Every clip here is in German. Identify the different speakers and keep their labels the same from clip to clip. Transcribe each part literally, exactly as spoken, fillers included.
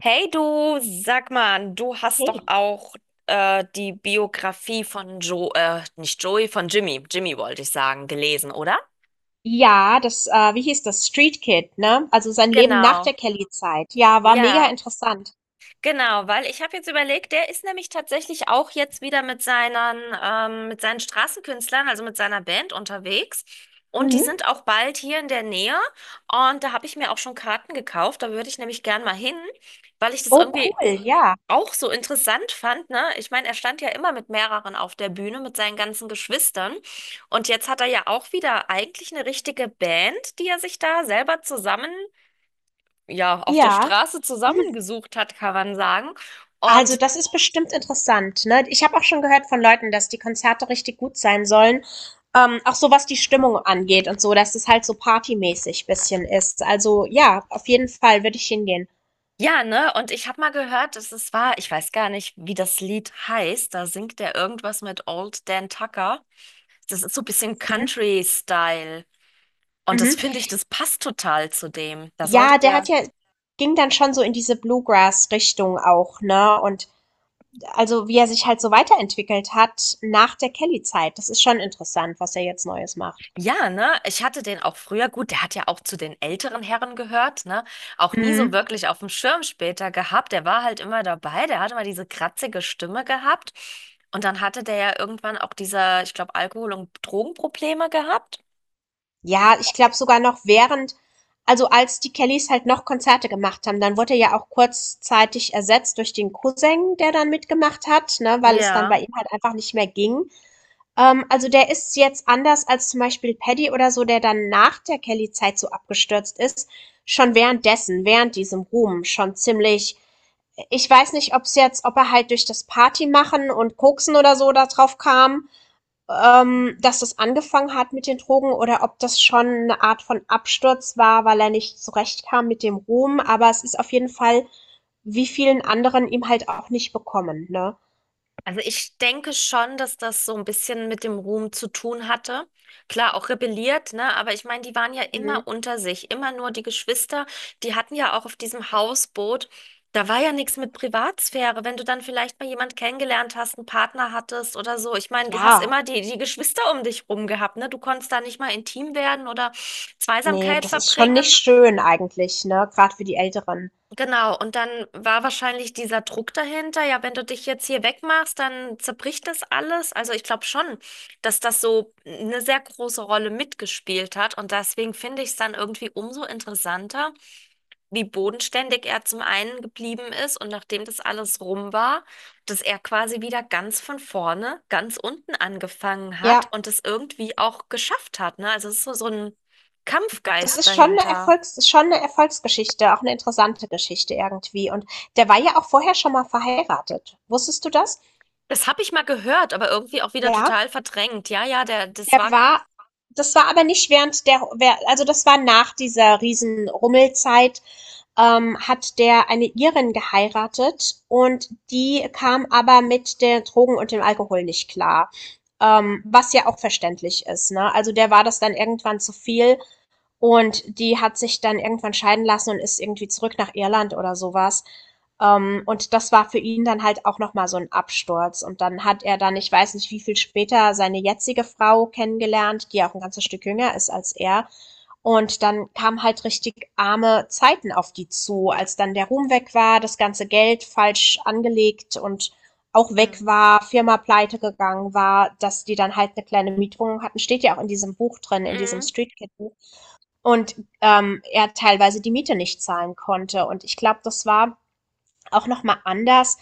Speaker 1: Hey du, sag mal, du hast doch
Speaker 2: Hey.
Speaker 1: auch äh, die Biografie von Joe, äh, nicht Joey, von Jimmy, Jimmy wollte ich sagen, gelesen, oder?
Speaker 2: Ja, das, äh wie hieß das? Street Kid, ne? Also sein Leben nach
Speaker 1: Genau.
Speaker 2: der Kelly-Zeit. Ja, war mega
Speaker 1: Ja,
Speaker 2: interessant.
Speaker 1: genau, weil ich habe jetzt überlegt, der ist nämlich tatsächlich auch jetzt wieder mit seinen, ähm, mit seinen Straßenkünstlern, also mit seiner Band unterwegs. Und die sind
Speaker 2: Mhm.
Speaker 1: auch bald hier in der Nähe. Und da habe ich mir auch schon Karten gekauft. Da würde ich nämlich gern mal hin, weil ich das
Speaker 2: Oh,
Speaker 1: irgendwie
Speaker 2: cool, ja.
Speaker 1: auch so interessant fand, ne? Ich meine, er stand ja immer mit mehreren auf der Bühne, mit seinen ganzen Geschwistern. Und jetzt hat er ja auch wieder eigentlich eine richtige Band, die er sich da selber zusammen, ja, auf der
Speaker 2: Ja.
Speaker 1: Straße zusammengesucht hat, kann man sagen.
Speaker 2: Also,
Speaker 1: Und
Speaker 2: das ist bestimmt interessant, ne? Ich habe auch schon gehört von Leuten, dass die Konzerte richtig gut sein sollen. Ähm, auch so was die Stimmung angeht und so, dass es halt so partymäßig bisschen ist. Also, ja, auf jeden Fall würde ich hingehen.
Speaker 1: ja, ne? Und ich habe mal gehört, dass es war, ich weiß gar nicht, wie das Lied heißt. Da singt er irgendwas mit Old Dan Tucker. Das ist so ein bisschen
Speaker 2: Mhm.
Speaker 1: Country-Style. Und das
Speaker 2: Mhm.
Speaker 1: finde ich, das passt total zu dem. Da sollte
Speaker 2: Ja, der
Speaker 1: der.
Speaker 2: hat ja, ging dann schon so in diese Bluegrass-Richtung auch, ne? Und also wie er sich halt so weiterentwickelt hat nach der Kelly-Zeit. Das ist schon interessant, was er jetzt Neues macht.
Speaker 1: Ja, ne? Ich hatte den auch früher, gut, der hat ja auch zu den älteren Herren gehört, ne? Auch nie so
Speaker 2: Mhm.
Speaker 1: wirklich auf dem Schirm später gehabt. Der war halt immer dabei, der hatte immer diese kratzige Stimme gehabt. Und dann hatte der ja irgendwann auch diese, ich glaube, Alkohol- und Drogenprobleme gehabt.
Speaker 2: Ja, ich glaube sogar noch während, also als die Kellys halt noch Konzerte gemacht haben, dann wurde er ja auch kurzzeitig ersetzt durch den Cousin, der dann mitgemacht hat, ne, weil es dann bei
Speaker 1: Ja.
Speaker 2: ihm halt einfach nicht mehr ging. Ähm, also der ist jetzt anders als zum Beispiel Paddy oder so, der dann nach der Kelly-Zeit so abgestürzt ist, schon währenddessen, während diesem Ruhm, schon ziemlich, ich weiß nicht, ob es jetzt, ob er halt durch das Party machen und Koksen oder so da drauf kam, ähm, dass das angefangen hat mit den Drogen oder ob das schon eine Art von Absturz war, weil er nicht zurechtkam mit dem Ruhm. Aber es ist auf jeden Fall, wie vielen anderen ihm halt auch nicht bekommen, ne?
Speaker 1: Also ich denke schon, dass das so ein bisschen mit dem Ruhm zu tun hatte. Klar, auch rebelliert, ne? Aber ich meine, die waren ja
Speaker 2: Mhm.
Speaker 1: immer unter sich, immer nur die Geschwister. Die hatten ja auch auf diesem Hausboot, da war ja nichts mit Privatsphäre. Wenn du dann vielleicht mal jemand kennengelernt hast, einen Partner hattest oder so. Ich meine, du hast
Speaker 2: Ja,
Speaker 1: immer die, die Geschwister um dich rum gehabt, ne? Du konntest da nicht mal intim werden oder
Speaker 2: nee,
Speaker 1: Zweisamkeit
Speaker 2: das ist schon nicht
Speaker 1: verbringen.
Speaker 2: schön eigentlich, ne? Gerade für die Älteren.
Speaker 1: Genau, und dann war wahrscheinlich dieser Druck dahinter, ja, wenn du dich jetzt hier wegmachst, dann zerbricht das alles. Also ich glaube schon, dass das so eine sehr große Rolle mitgespielt hat. Und deswegen finde ich es dann irgendwie umso interessanter, wie bodenständig er zum einen geblieben ist und nachdem das alles rum war, dass er quasi wieder ganz von vorne, ganz unten angefangen hat
Speaker 2: Ja.
Speaker 1: und es irgendwie auch geschafft hat, ne? Also es ist so, so ein
Speaker 2: Das
Speaker 1: Kampfgeist
Speaker 2: ist schon eine
Speaker 1: dahinter.
Speaker 2: Erfolgs ist schon 'ne Erfolgsgeschichte, auch eine interessante Geschichte irgendwie. Und der war ja auch vorher schon mal verheiratet. Wusstest du das?
Speaker 1: Das habe ich mal gehört, aber irgendwie auch wieder
Speaker 2: Ja,
Speaker 1: total verdrängt. Ja, ja, der, das
Speaker 2: der
Speaker 1: war.
Speaker 2: war das war aber nicht während der wer also, das war nach dieser Riesenrummelzeit, ähm, hat der eine Irin geheiratet und die kam aber mit den Drogen und dem Alkohol nicht klar, ähm, was ja auch verständlich ist, ne? Also, der war das dann irgendwann zu viel. Und die hat sich dann irgendwann scheiden lassen und ist irgendwie zurück nach Irland oder sowas. Ähm, und das war für ihn dann halt auch nochmal so ein Absturz. Und dann hat er dann, ich weiß nicht wie viel später, seine jetzige Frau kennengelernt, die ja auch ein ganzes Stück jünger ist als er. Und dann kamen halt richtig arme Zeiten auf die zu, als dann der Ruhm weg war, das ganze Geld falsch angelegt und auch weg
Speaker 1: Hm.
Speaker 2: war, Firma pleite gegangen war, dass die dann halt eine kleine Mietwohnung hatten, steht ja auch in diesem Buch drin, in diesem
Speaker 1: Mhm.
Speaker 2: Street Kid Buch, und ähm, er teilweise die Miete nicht zahlen konnte. Und ich glaube, das war auch nochmal anders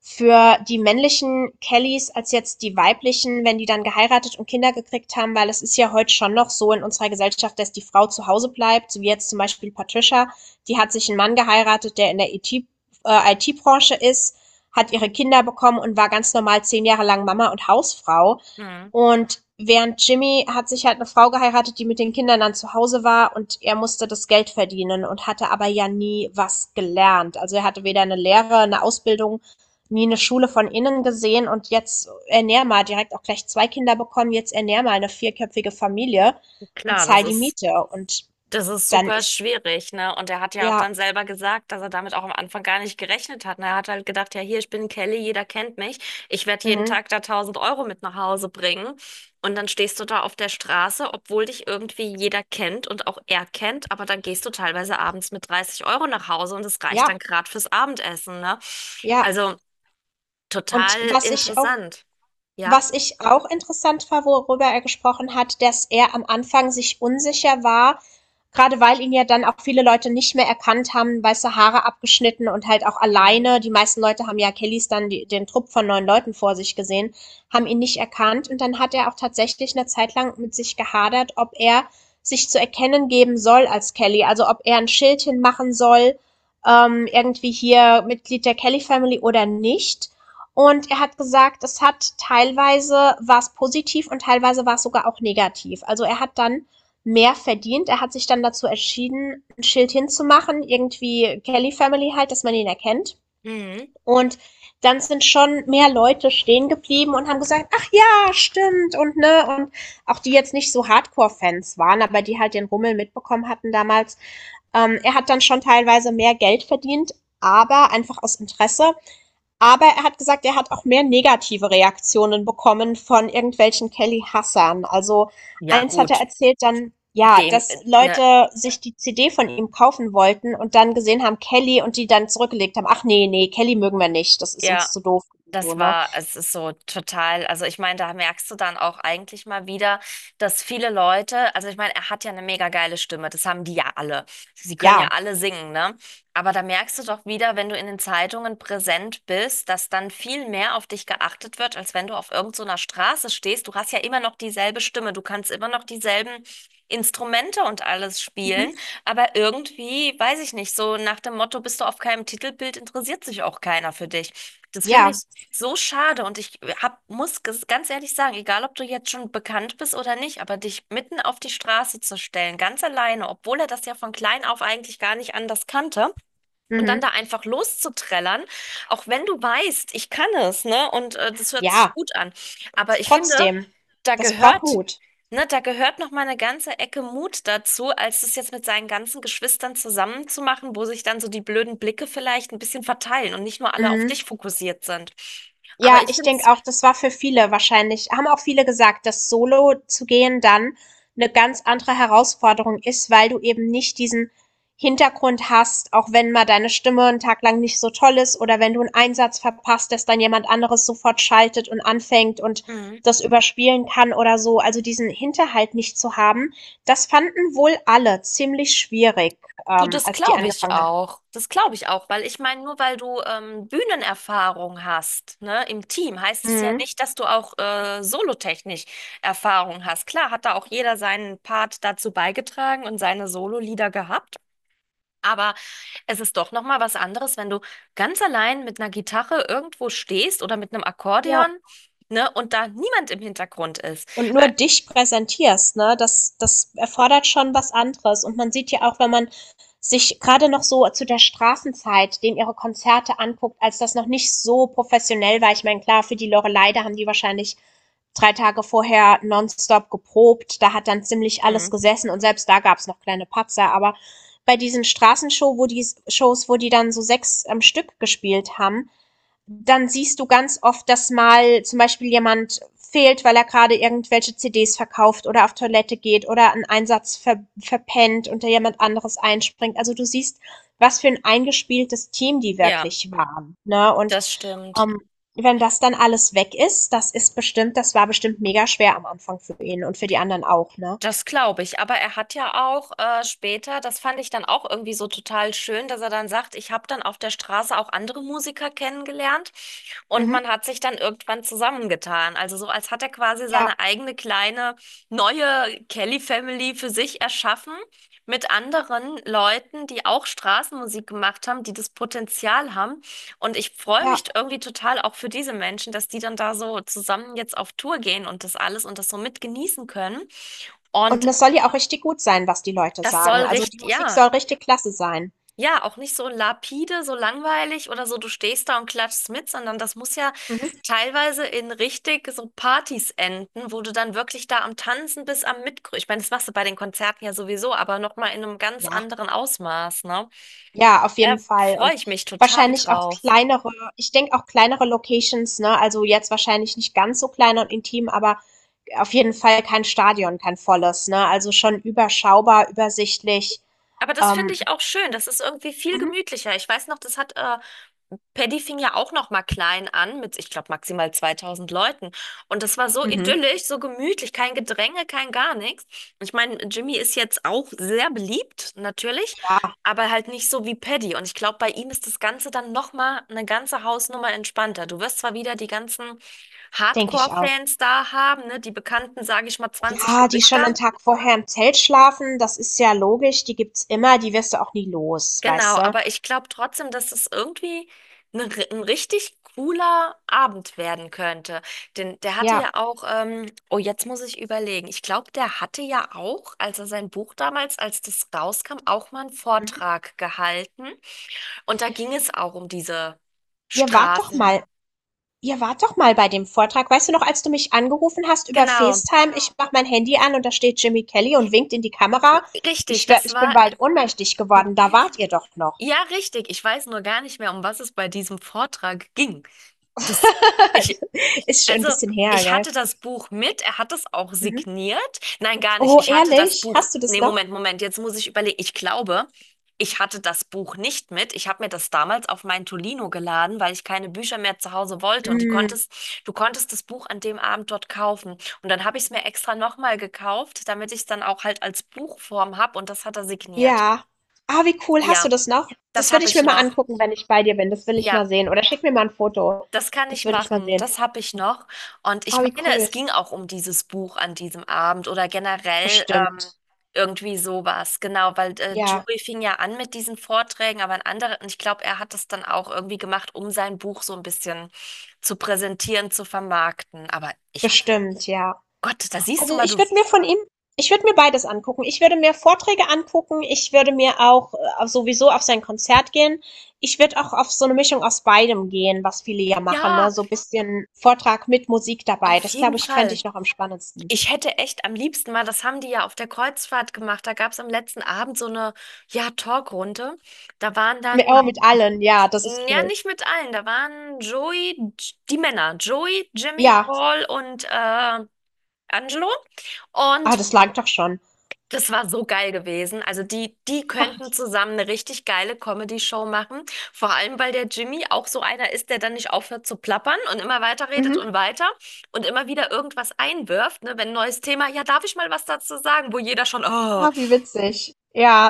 Speaker 2: für die männlichen Kellys als jetzt die weiblichen, wenn die dann geheiratet und Kinder gekriegt haben, weil es ist ja heute schon noch so in unserer Gesellschaft, dass die Frau zu Hause bleibt, so wie jetzt zum Beispiel Patricia, die hat sich einen Mann geheiratet, der in der I T-Branche äh, ist, hat ihre Kinder bekommen und war ganz normal zehn Jahre lang Mama und Hausfrau.
Speaker 1: Mhm.
Speaker 2: Und während Jimmy hat sich halt eine Frau geheiratet, die mit den Kindern dann zu Hause war und er musste das Geld verdienen und hatte aber ja nie was gelernt. Also er hatte weder eine Lehre, eine Ausbildung, nie eine Schule von innen gesehen und jetzt ernähr mal direkt auch gleich zwei Kinder bekommen, jetzt ernähr mal eine vierköpfige Familie und
Speaker 1: Klar, das
Speaker 2: zahl die
Speaker 1: ist,
Speaker 2: Miete. Und
Speaker 1: das ist
Speaker 2: dann
Speaker 1: super
Speaker 2: ist,
Speaker 1: schwierig, ne? Und er hat ja auch
Speaker 2: ja,
Speaker 1: dann selber gesagt, dass er damit auch am Anfang gar nicht gerechnet hat. Und er hat halt gedacht, ja, hier, ich bin Kelly, jeder kennt mich. Ich werde jeden
Speaker 2: mhm,
Speaker 1: Tag da tausend Euro mit nach Hause bringen. Und dann stehst du da auf der Straße, obwohl dich irgendwie jeder kennt und auch er kennt, aber dann gehst du teilweise abends mit dreißig Euro nach Hause und das reicht dann
Speaker 2: ja,
Speaker 1: gerade fürs Abendessen, ne?
Speaker 2: ja.
Speaker 1: Also
Speaker 2: Und
Speaker 1: total
Speaker 2: was ich auch
Speaker 1: interessant. Ja.
Speaker 2: Was ich auch interessant war, worüber er gesprochen hat, dass er am Anfang sich unsicher war, gerade weil ihn ja dann auch viele Leute nicht mehr erkannt haben, weiße Haare abgeschnitten und halt auch
Speaker 1: Mhm.
Speaker 2: alleine. Die meisten Leute haben ja Kellys dann die, den Trupp von neun Leuten vor sich gesehen, haben ihn nicht erkannt. Und dann hat er auch tatsächlich eine Zeit lang mit sich gehadert, ob er sich zu erkennen geben soll als Kelly. Also ob er ein Schild hinmachen soll, ähm, irgendwie hier Mitglied der Kelly Family oder nicht. Und er hat gesagt, es hat teilweise war es positiv und teilweise war es sogar auch negativ. Also er hat dann mehr verdient. Er hat sich dann dazu entschieden, ein Schild hinzumachen, irgendwie Kelly Family halt, dass man ihn erkennt.
Speaker 1: Mhm.
Speaker 2: Und dann sind schon mehr Leute stehen geblieben und haben gesagt, ach ja, stimmt und ne, und auch die jetzt nicht so Hardcore-Fans waren, aber die halt den Rummel mitbekommen hatten damals. Ähm, er hat dann schon teilweise mehr Geld verdient, aber einfach aus Interesse, aber er hat gesagt, er hat auch mehr negative Reaktionen bekommen von irgendwelchen Kelly Hassern. Also
Speaker 1: Ja,
Speaker 2: eins hat er
Speaker 1: gut.
Speaker 2: erzählt dann, ja,
Speaker 1: Dem,
Speaker 2: dass
Speaker 1: äh, ne,
Speaker 2: Leute sich die C D von ihm kaufen wollten und dann gesehen haben Kelly und die dann zurückgelegt haben, ach nee, nee, Kelly mögen wir nicht, das ist
Speaker 1: ja.
Speaker 2: uns zu doof. So,
Speaker 1: Das
Speaker 2: ne?
Speaker 1: war, es ist so total, also ich meine, da merkst du dann auch eigentlich mal wieder, dass viele Leute, also ich meine, er hat ja eine mega geile Stimme, das haben die ja alle. Sie können ja
Speaker 2: Ja.
Speaker 1: alle singen, ne? Aber da merkst du doch wieder, wenn du in den Zeitungen präsent bist, dass dann viel mehr auf dich geachtet wird, als wenn du auf irgend so einer Straße stehst. Du hast ja immer noch dieselbe Stimme, du kannst immer noch dieselben Instrumente und alles
Speaker 2: Mhm.
Speaker 1: spielen, aber irgendwie, weiß ich nicht, so nach dem Motto, bist du auf keinem Titelbild, interessiert sich auch keiner für dich. Das finde
Speaker 2: Ja.
Speaker 1: ich. So schade, und ich hab, muss ges- ganz ehrlich sagen, egal ob du jetzt schon bekannt bist oder nicht, aber dich mitten auf die Straße zu stellen, ganz alleine, obwohl er das ja von klein auf eigentlich gar nicht anders kannte und dann
Speaker 2: Mhm.
Speaker 1: da einfach loszuträllern, auch wenn du weißt, ich kann es, ne? Und äh, das hört sich
Speaker 2: Ja.
Speaker 1: gut an. Aber
Speaker 2: Ist
Speaker 1: ich finde,
Speaker 2: trotzdem.
Speaker 1: da
Speaker 2: Das braucht
Speaker 1: gehört,
Speaker 2: Mut.
Speaker 1: ne, da gehört noch mal eine ganze Ecke Mut dazu, als das jetzt mit seinen ganzen Geschwistern zusammenzumachen, wo sich dann so die blöden Blicke vielleicht ein bisschen verteilen und nicht nur alle auf
Speaker 2: Mhm.
Speaker 1: dich fokussiert sind. Aber
Speaker 2: Ja,
Speaker 1: ich
Speaker 2: ich
Speaker 1: finde
Speaker 2: denke
Speaker 1: es,
Speaker 2: auch, das war für viele wahrscheinlich, haben auch viele gesagt, dass Solo zu gehen dann eine ganz andere Herausforderung ist, weil du eben nicht diesen Hintergrund hast, auch wenn mal deine Stimme einen Tag lang nicht so toll ist oder wenn du einen Einsatz verpasst, dass dann jemand anderes sofort schaltet und anfängt und das überspielen kann oder so. Also, diesen Hinterhalt nicht zu haben, das fanden wohl alle ziemlich schwierig,
Speaker 1: du,
Speaker 2: ähm,
Speaker 1: das
Speaker 2: als die
Speaker 1: glaube ich
Speaker 2: angefangen haben.
Speaker 1: auch. Das glaube ich auch, weil ich meine, nur weil du ähm, Bühnenerfahrung hast, ne, im Team, heißt es ja
Speaker 2: Mhm.
Speaker 1: nicht, dass du auch äh, solotechnisch Erfahrung hast. Klar, hat da auch jeder seinen Part dazu beigetragen und seine Sololieder gehabt. Aber es ist doch noch mal was anderes, wenn du ganz allein mit einer Gitarre irgendwo stehst oder mit einem
Speaker 2: Ja.
Speaker 1: Akkordeon, ne, und da niemand im Hintergrund ist. Ä-
Speaker 2: Und nur dich präsentierst, ne, das, das erfordert schon was anderes. Und man sieht ja auch, wenn man sich gerade noch so zu der Straßenzeit, den ihre Konzerte anguckt, als das noch nicht so professionell war. Ich meine, klar, für die Lorelei, da haben die wahrscheinlich drei Tage vorher nonstop geprobt. Da hat dann ziemlich alles
Speaker 1: Mhm.
Speaker 2: gesessen und selbst da gab's noch kleine Patzer. Aber bei diesen Straßenshow, wo die Shows, wo die dann so sechs am Stück gespielt haben, dann siehst du ganz oft, dass mal zum Beispiel jemand fehlt, weil er gerade irgendwelche C Ds verkauft oder auf Toilette geht oder einen Einsatz ver verpennt und da jemand anderes einspringt. Also du siehst, was für ein eingespieltes Team die
Speaker 1: Ja,
Speaker 2: wirklich waren. Ne? Und
Speaker 1: das stimmt.
Speaker 2: ähm, wenn das dann alles weg ist, das ist bestimmt, das war bestimmt mega schwer am Anfang für ihn und für die anderen auch. Ne?
Speaker 1: Das glaube ich, aber er hat ja auch äh, später, das fand ich dann auch irgendwie so total schön, dass er dann sagt, ich habe dann auf der Straße auch andere Musiker kennengelernt und
Speaker 2: Mhm.
Speaker 1: man hat sich dann irgendwann zusammengetan. Also so, als hat er quasi seine
Speaker 2: Ja,
Speaker 1: eigene kleine neue Kelly Family für sich erschaffen mit anderen Leuten, die auch Straßenmusik gemacht haben, die das Potenzial haben. Und ich freue
Speaker 2: ja.
Speaker 1: mich irgendwie total auch für diese Menschen, dass die dann da so zusammen jetzt auf Tour gehen und das alles und das so mit genießen können.
Speaker 2: Und
Speaker 1: Und
Speaker 2: das soll ja auch richtig gut sein, was die Leute
Speaker 1: das soll
Speaker 2: sagen. Also die
Speaker 1: richtig,
Speaker 2: Musik
Speaker 1: ja,
Speaker 2: soll richtig klasse sein.
Speaker 1: ja, auch nicht so lapide, so langweilig oder so, du stehst da und klatschst mit, sondern das muss ja
Speaker 2: Mhm.
Speaker 1: teilweise in richtig so Partys enden, wo du dann wirklich da am Tanzen bist, am Mitgrüßen. Ich meine, das machst du bei den Konzerten ja sowieso, aber nochmal in einem ganz
Speaker 2: Ja,
Speaker 1: anderen Ausmaß, ne?
Speaker 2: ja, auf
Speaker 1: Da
Speaker 2: jeden Fall.
Speaker 1: freue
Speaker 2: Und
Speaker 1: ich mich total
Speaker 2: wahrscheinlich auch
Speaker 1: drauf.
Speaker 2: kleinere ich denke auch kleinere Locations, ne? Also, jetzt wahrscheinlich nicht ganz so klein und intim, aber auf jeden Fall kein Stadion, kein volles, ne? Also, schon überschaubar, übersichtlich.
Speaker 1: Aber das finde
Speaker 2: Ähm,
Speaker 1: ich auch schön. Das ist irgendwie viel
Speaker 2: mhm,
Speaker 1: gemütlicher. Ich weiß noch, das hat äh, Paddy fing ja auch noch mal klein an mit, ich glaube, maximal zweitausend Leuten. Und das war so
Speaker 2: mhm,
Speaker 1: idyllisch, so gemütlich, kein Gedränge, kein gar nichts. Ich meine, Jimmy ist jetzt auch sehr beliebt, natürlich,
Speaker 2: ja,
Speaker 1: aber halt nicht so wie Paddy. Und ich glaube, bei ihm ist das Ganze dann noch mal eine ganze Hausnummer entspannter. Du wirst zwar wieder die ganzen
Speaker 2: denke ich auch.
Speaker 1: Hardcore-Fans da haben, ne, die bekannten, sage ich mal, zwanzig
Speaker 2: Ja, die schon einen
Speaker 1: Gesichter,
Speaker 2: Tag vorher im Zelt schlafen, das ist ja logisch, die gibt's immer, die wirst du auch nie los,
Speaker 1: Genau,
Speaker 2: weißt du?
Speaker 1: aber ich glaube trotzdem, dass es irgendwie ein, ri- ein richtig cooler Abend werden könnte. Denn der hatte ja
Speaker 2: Ja,
Speaker 1: auch, ähm, oh, jetzt muss ich überlegen. Ich glaube, der hatte ja auch, als er sein Buch damals, als das rauskam, auch mal einen
Speaker 2: mhm.
Speaker 1: Vortrag gehalten. Und da ging es auch um diese
Speaker 2: Ihr wart doch mal
Speaker 1: Straßen.
Speaker 2: Ihr wart doch mal bei dem Vortrag. Weißt du noch, als du mich angerufen hast über
Speaker 1: Genau,
Speaker 2: FaceTime? Ich mach mein Handy an und da steht Jimmy Kelly und winkt in die Kamera.
Speaker 1: richtig.
Speaker 2: Ich, wär,
Speaker 1: Das
Speaker 2: ich bin
Speaker 1: war,
Speaker 2: bald ohnmächtig geworden. Da wart ihr doch noch.
Speaker 1: ja, richtig. Ich weiß nur gar nicht mehr, um was es bei diesem Vortrag ging. Das, ich
Speaker 2: Ist schon ein
Speaker 1: Also,
Speaker 2: bisschen her,
Speaker 1: ich
Speaker 2: gell?
Speaker 1: hatte das Buch mit, er hat es auch
Speaker 2: Mhm.
Speaker 1: signiert. Nein, gar nicht.
Speaker 2: Oh,
Speaker 1: Ich hatte das
Speaker 2: ehrlich?
Speaker 1: Buch.
Speaker 2: Hast du das
Speaker 1: Nee,
Speaker 2: noch?
Speaker 1: Moment, Moment, jetzt muss ich überlegen. Ich glaube, ich hatte das Buch nicht mit. Ich habe mir das damals auf mein Tolino geladen, weil ich keine Bücher mehr zu Hause wollte. Und die
Speaker 2: Mm,
Speaker 1: konntest, du konntest das Buch an dem Abend dort kaufen. Und dann habe ich es mir extra nochmal gekauft, damit ich es dann auch halt als Buchform habe. Und das hat er signiert.
Speaker 2: ja. Ah, wie cool. Hast
Speaker 1: Ja,
Speaker 2: du das noch?
Speaker 1: das
Speaker 2: Das würde
Speaker 1: habe
Speaker 2: ich
Speaker 1: ich
Speaker 2: mir mal
Speaker 1: noch.
Speaker 2: angucken, wenn ich bei dir bin. Das will ich
Speaker 1: Ja.
Speaker 2: mal sehen. Oder schick mir mal ein Foto.
Speaker 1: Das kann
Speaker 2: Das
Speaker 1: ich
Speaker 2: will ich mal
Speaker 1: machen,
Speaker 2: sehen.
Speaker 1: das habe ich noch. Und ich
Speaker 2: Ah, wie
Speaker 1: meine,
Speaker 2: cool.
Speaker 1: es ging auch um dieses Buch an diesem Abend oder generell ähm,
Speaker 2: Bestimmt.
Speaker 1: irgendwie sowas. Genau, weil äh,
Speaker 2: Ja,
Speaker 1: Joey fing ja an mit diesen Vorträgen, aber ein anderer, und ich glaube, er hat das dann auch irgendwie gemacht, um sein Buch so ein bisschen zu präsentieren, zu vermarkten. Aber ich,
Speaker 2: bestimmt, ja.
Speaker 1: Gott, da siehst du
Speaker 2: Also,
Speaker 1: mal,
Speaker 2: ich
Speaker 1: du,
Speaker 2: würde mir von ihm ich würde mir beides angucken. Ich würde mir Vorträge angucken. Ich würde mir auch äh, sowieso auf sein Konzert gehen. Ich würde auch auf so eine Mischung aus beidem gehen, was viele ja machen, ne?
Speaker 1: ja,
Speaker 2: So ein bisschen Vortrag mit Musik dabei.
Speaker 1: auf
Speaker 2: Das
Speaker 1: jeden
Speaker 2: glaube ich, fände
Speaker 1: Fall.
Speaker 2: ich noch am spannendsten.
Speaker 1: Ich hätte echt am liebsten mal, das haben die ja auf der Kreuzfahrt gemacht, da gab es am letzten Abend so eine, ja, Talkrunde. Da waren
Speaker 2: Mit, oh,
Speaker 1: dann
Speaker 2: mit allen, ja, das ist
Speaker 1: Ja,
Speaker 2: cool.
Speaker 1: nicht mit allen. Da waren Joey, J- die Männer, Joey, Jimmy,
Speaker 2: Ja,
Speaker 1: Paul und äh, Angelo.
Speaker 2: ah,
Speaker 1: Und
Speaker 2: das langt doch schon.
Speaker 1: das war so geil gewesen. Also die, die könnten zusammen eine richtig geile Comedy-Show machen. Vor allem, weil der Jimmy auch so einer ist, der dann nicht aufhört zu plappern und immer weiter redet
Speaker 2: Mhm.
Speaker 1: und weiter und immer wieder irgendwas einwirft. Ne? Wenn ein neues Thema, ja, darf ich mal was dazu sagen, wo jeder schon, oh.
Speaker 2: Ah, wie witzig.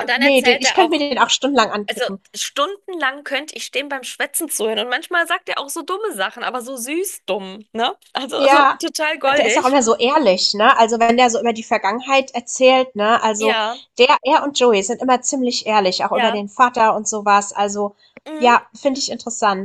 Speaker 1: Und dann
Speaker 2: nee, den,
Speaker 1: erzählt
Speaker 2: ich
Speaker 1: er
Speaker 2: könnte mir
Speaker 1: auch.
Speaker 2: den auch stundenlang
Speaker 1: Also
Speaker 2: angucken.
Speaker 1: stundenlang könnte ich stehen beim Schwätzen zuhören. Und manchmal sagt er auch so dumme Sachen, aber so süß dumm, ne? Also, also
Speaker 2: Ja,
Speaker 1: total
Speaker 2: und der ist auch
Speaker 1: goldig.
Speaker 2: immer so ehrlich, ne? Also, wenn der so über die Vergangenheit erzählt, ne? Also,
Speaker 1: Ja,
Speaker 2: der er und Joey sind immer ziemlich ehrlich, auch über
Speaker 1: ja.
Speaker 2: den Vater und sowas. Also,
Speaker 1: Mhm.
Speaker 2: ja, finde ich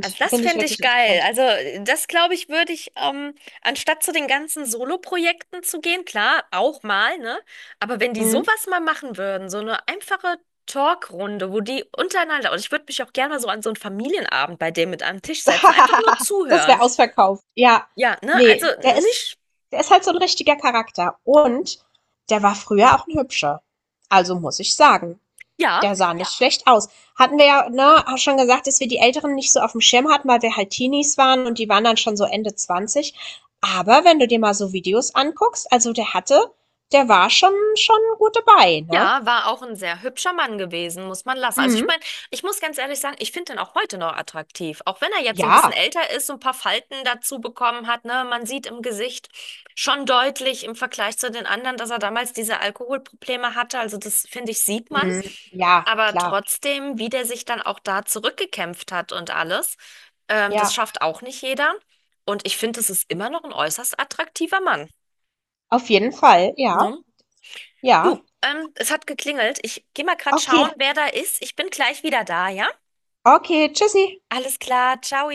Speaker 1: Also das
Speaker 2: Finde ich
Speaker 1: fände ich
Speaker 2: wirklich
Speaker 1: geil.
Speaker 2: interessant.
Speaker 1: Also das glaube ich, würde ich, ähm, anstatt zu den ganzen Solo-Projekten zu gehen, klar, auch mal, ne? Aber wenn die
Speaker 2: Mhm.
Speaker 1: sowas mal machen würden, so eine einfache Talkrunde, wo die untereinander, und ich würde mich auch gerne mal so an so einen Familienabend bei dem mit an den Tisch setzen, einfach nur
Speaker 2: Das wäre
Speaker 1: zuhören.
Speaker 2: ausverkauft. Ja.
Speaker 1: Ja, ne?
Speaker 2: Nee,
Speaker 1: Also
Speaker 2: der ist
Speaker 1: nicht.
Speaker 2: der ist halt so ein richtiger Charakter und der war früher auch ein Hübscher. Also, muss ich sagen.
Speaker 1: Ja,
Speaker 2: Der sah nicht schlecht aus. Hatten wir ja, ne, schon gesagt, dass wir die Älteren nicht so auf dem Schirm hatten, weil wir halt Teenies waren und die waren dann schon so Ende zwanzig. Aber wenn du dir mal so Videos anguckst, also der hatte, der war schon, schon gut dabei, ne?
Speaker 1: ja, war auch ein sehr hübscher Mann gewesen, muss man lassen. Also ich
Speaker 2: Mhm.
Speaker 1: meine, ich muss ganz ehrlich sagen, ich finde ihn auch heute noch attraktiv. Auch wenn er jetzt so ein bisschen
Speaker 2: Ja.
Speaker 1: älter ist, so ein paar Falten dazu bekommen hat, ne, man sieht im Gesicht schon deutlich im Vergleich zu den anderen, dass er damals diese Alkoholprobleme hatte. Also das finde ich, sieht man.
Speaker 2: Mhm. Ja,
Speaker 1: Aber
Speaker 2: klar.
Speaker 1: trotzdem, wie der sich dann auch da zurückgekämpft hat und alles, ähm, das
Speaker 2: Ja,
Speaker 1: schafft auch nicht jeder. Und ich finde, es ist immer noch ein äußerst attraktiver Mann.
Speaker 2: auf jeden Fall. Ja,
Speaker 1: Ne?
Speaker 2: ja.
Speaker 1: Du, ähm, es hat geklingelt. Ich gehe mal grad
Speaker 2: Okay,
Speaker 1: schauen, wer da ist. Ich bin gleich wieder da, ja?
Speaker 2: okay, tschüssi.
Speaker 1: Alles klar, ciao.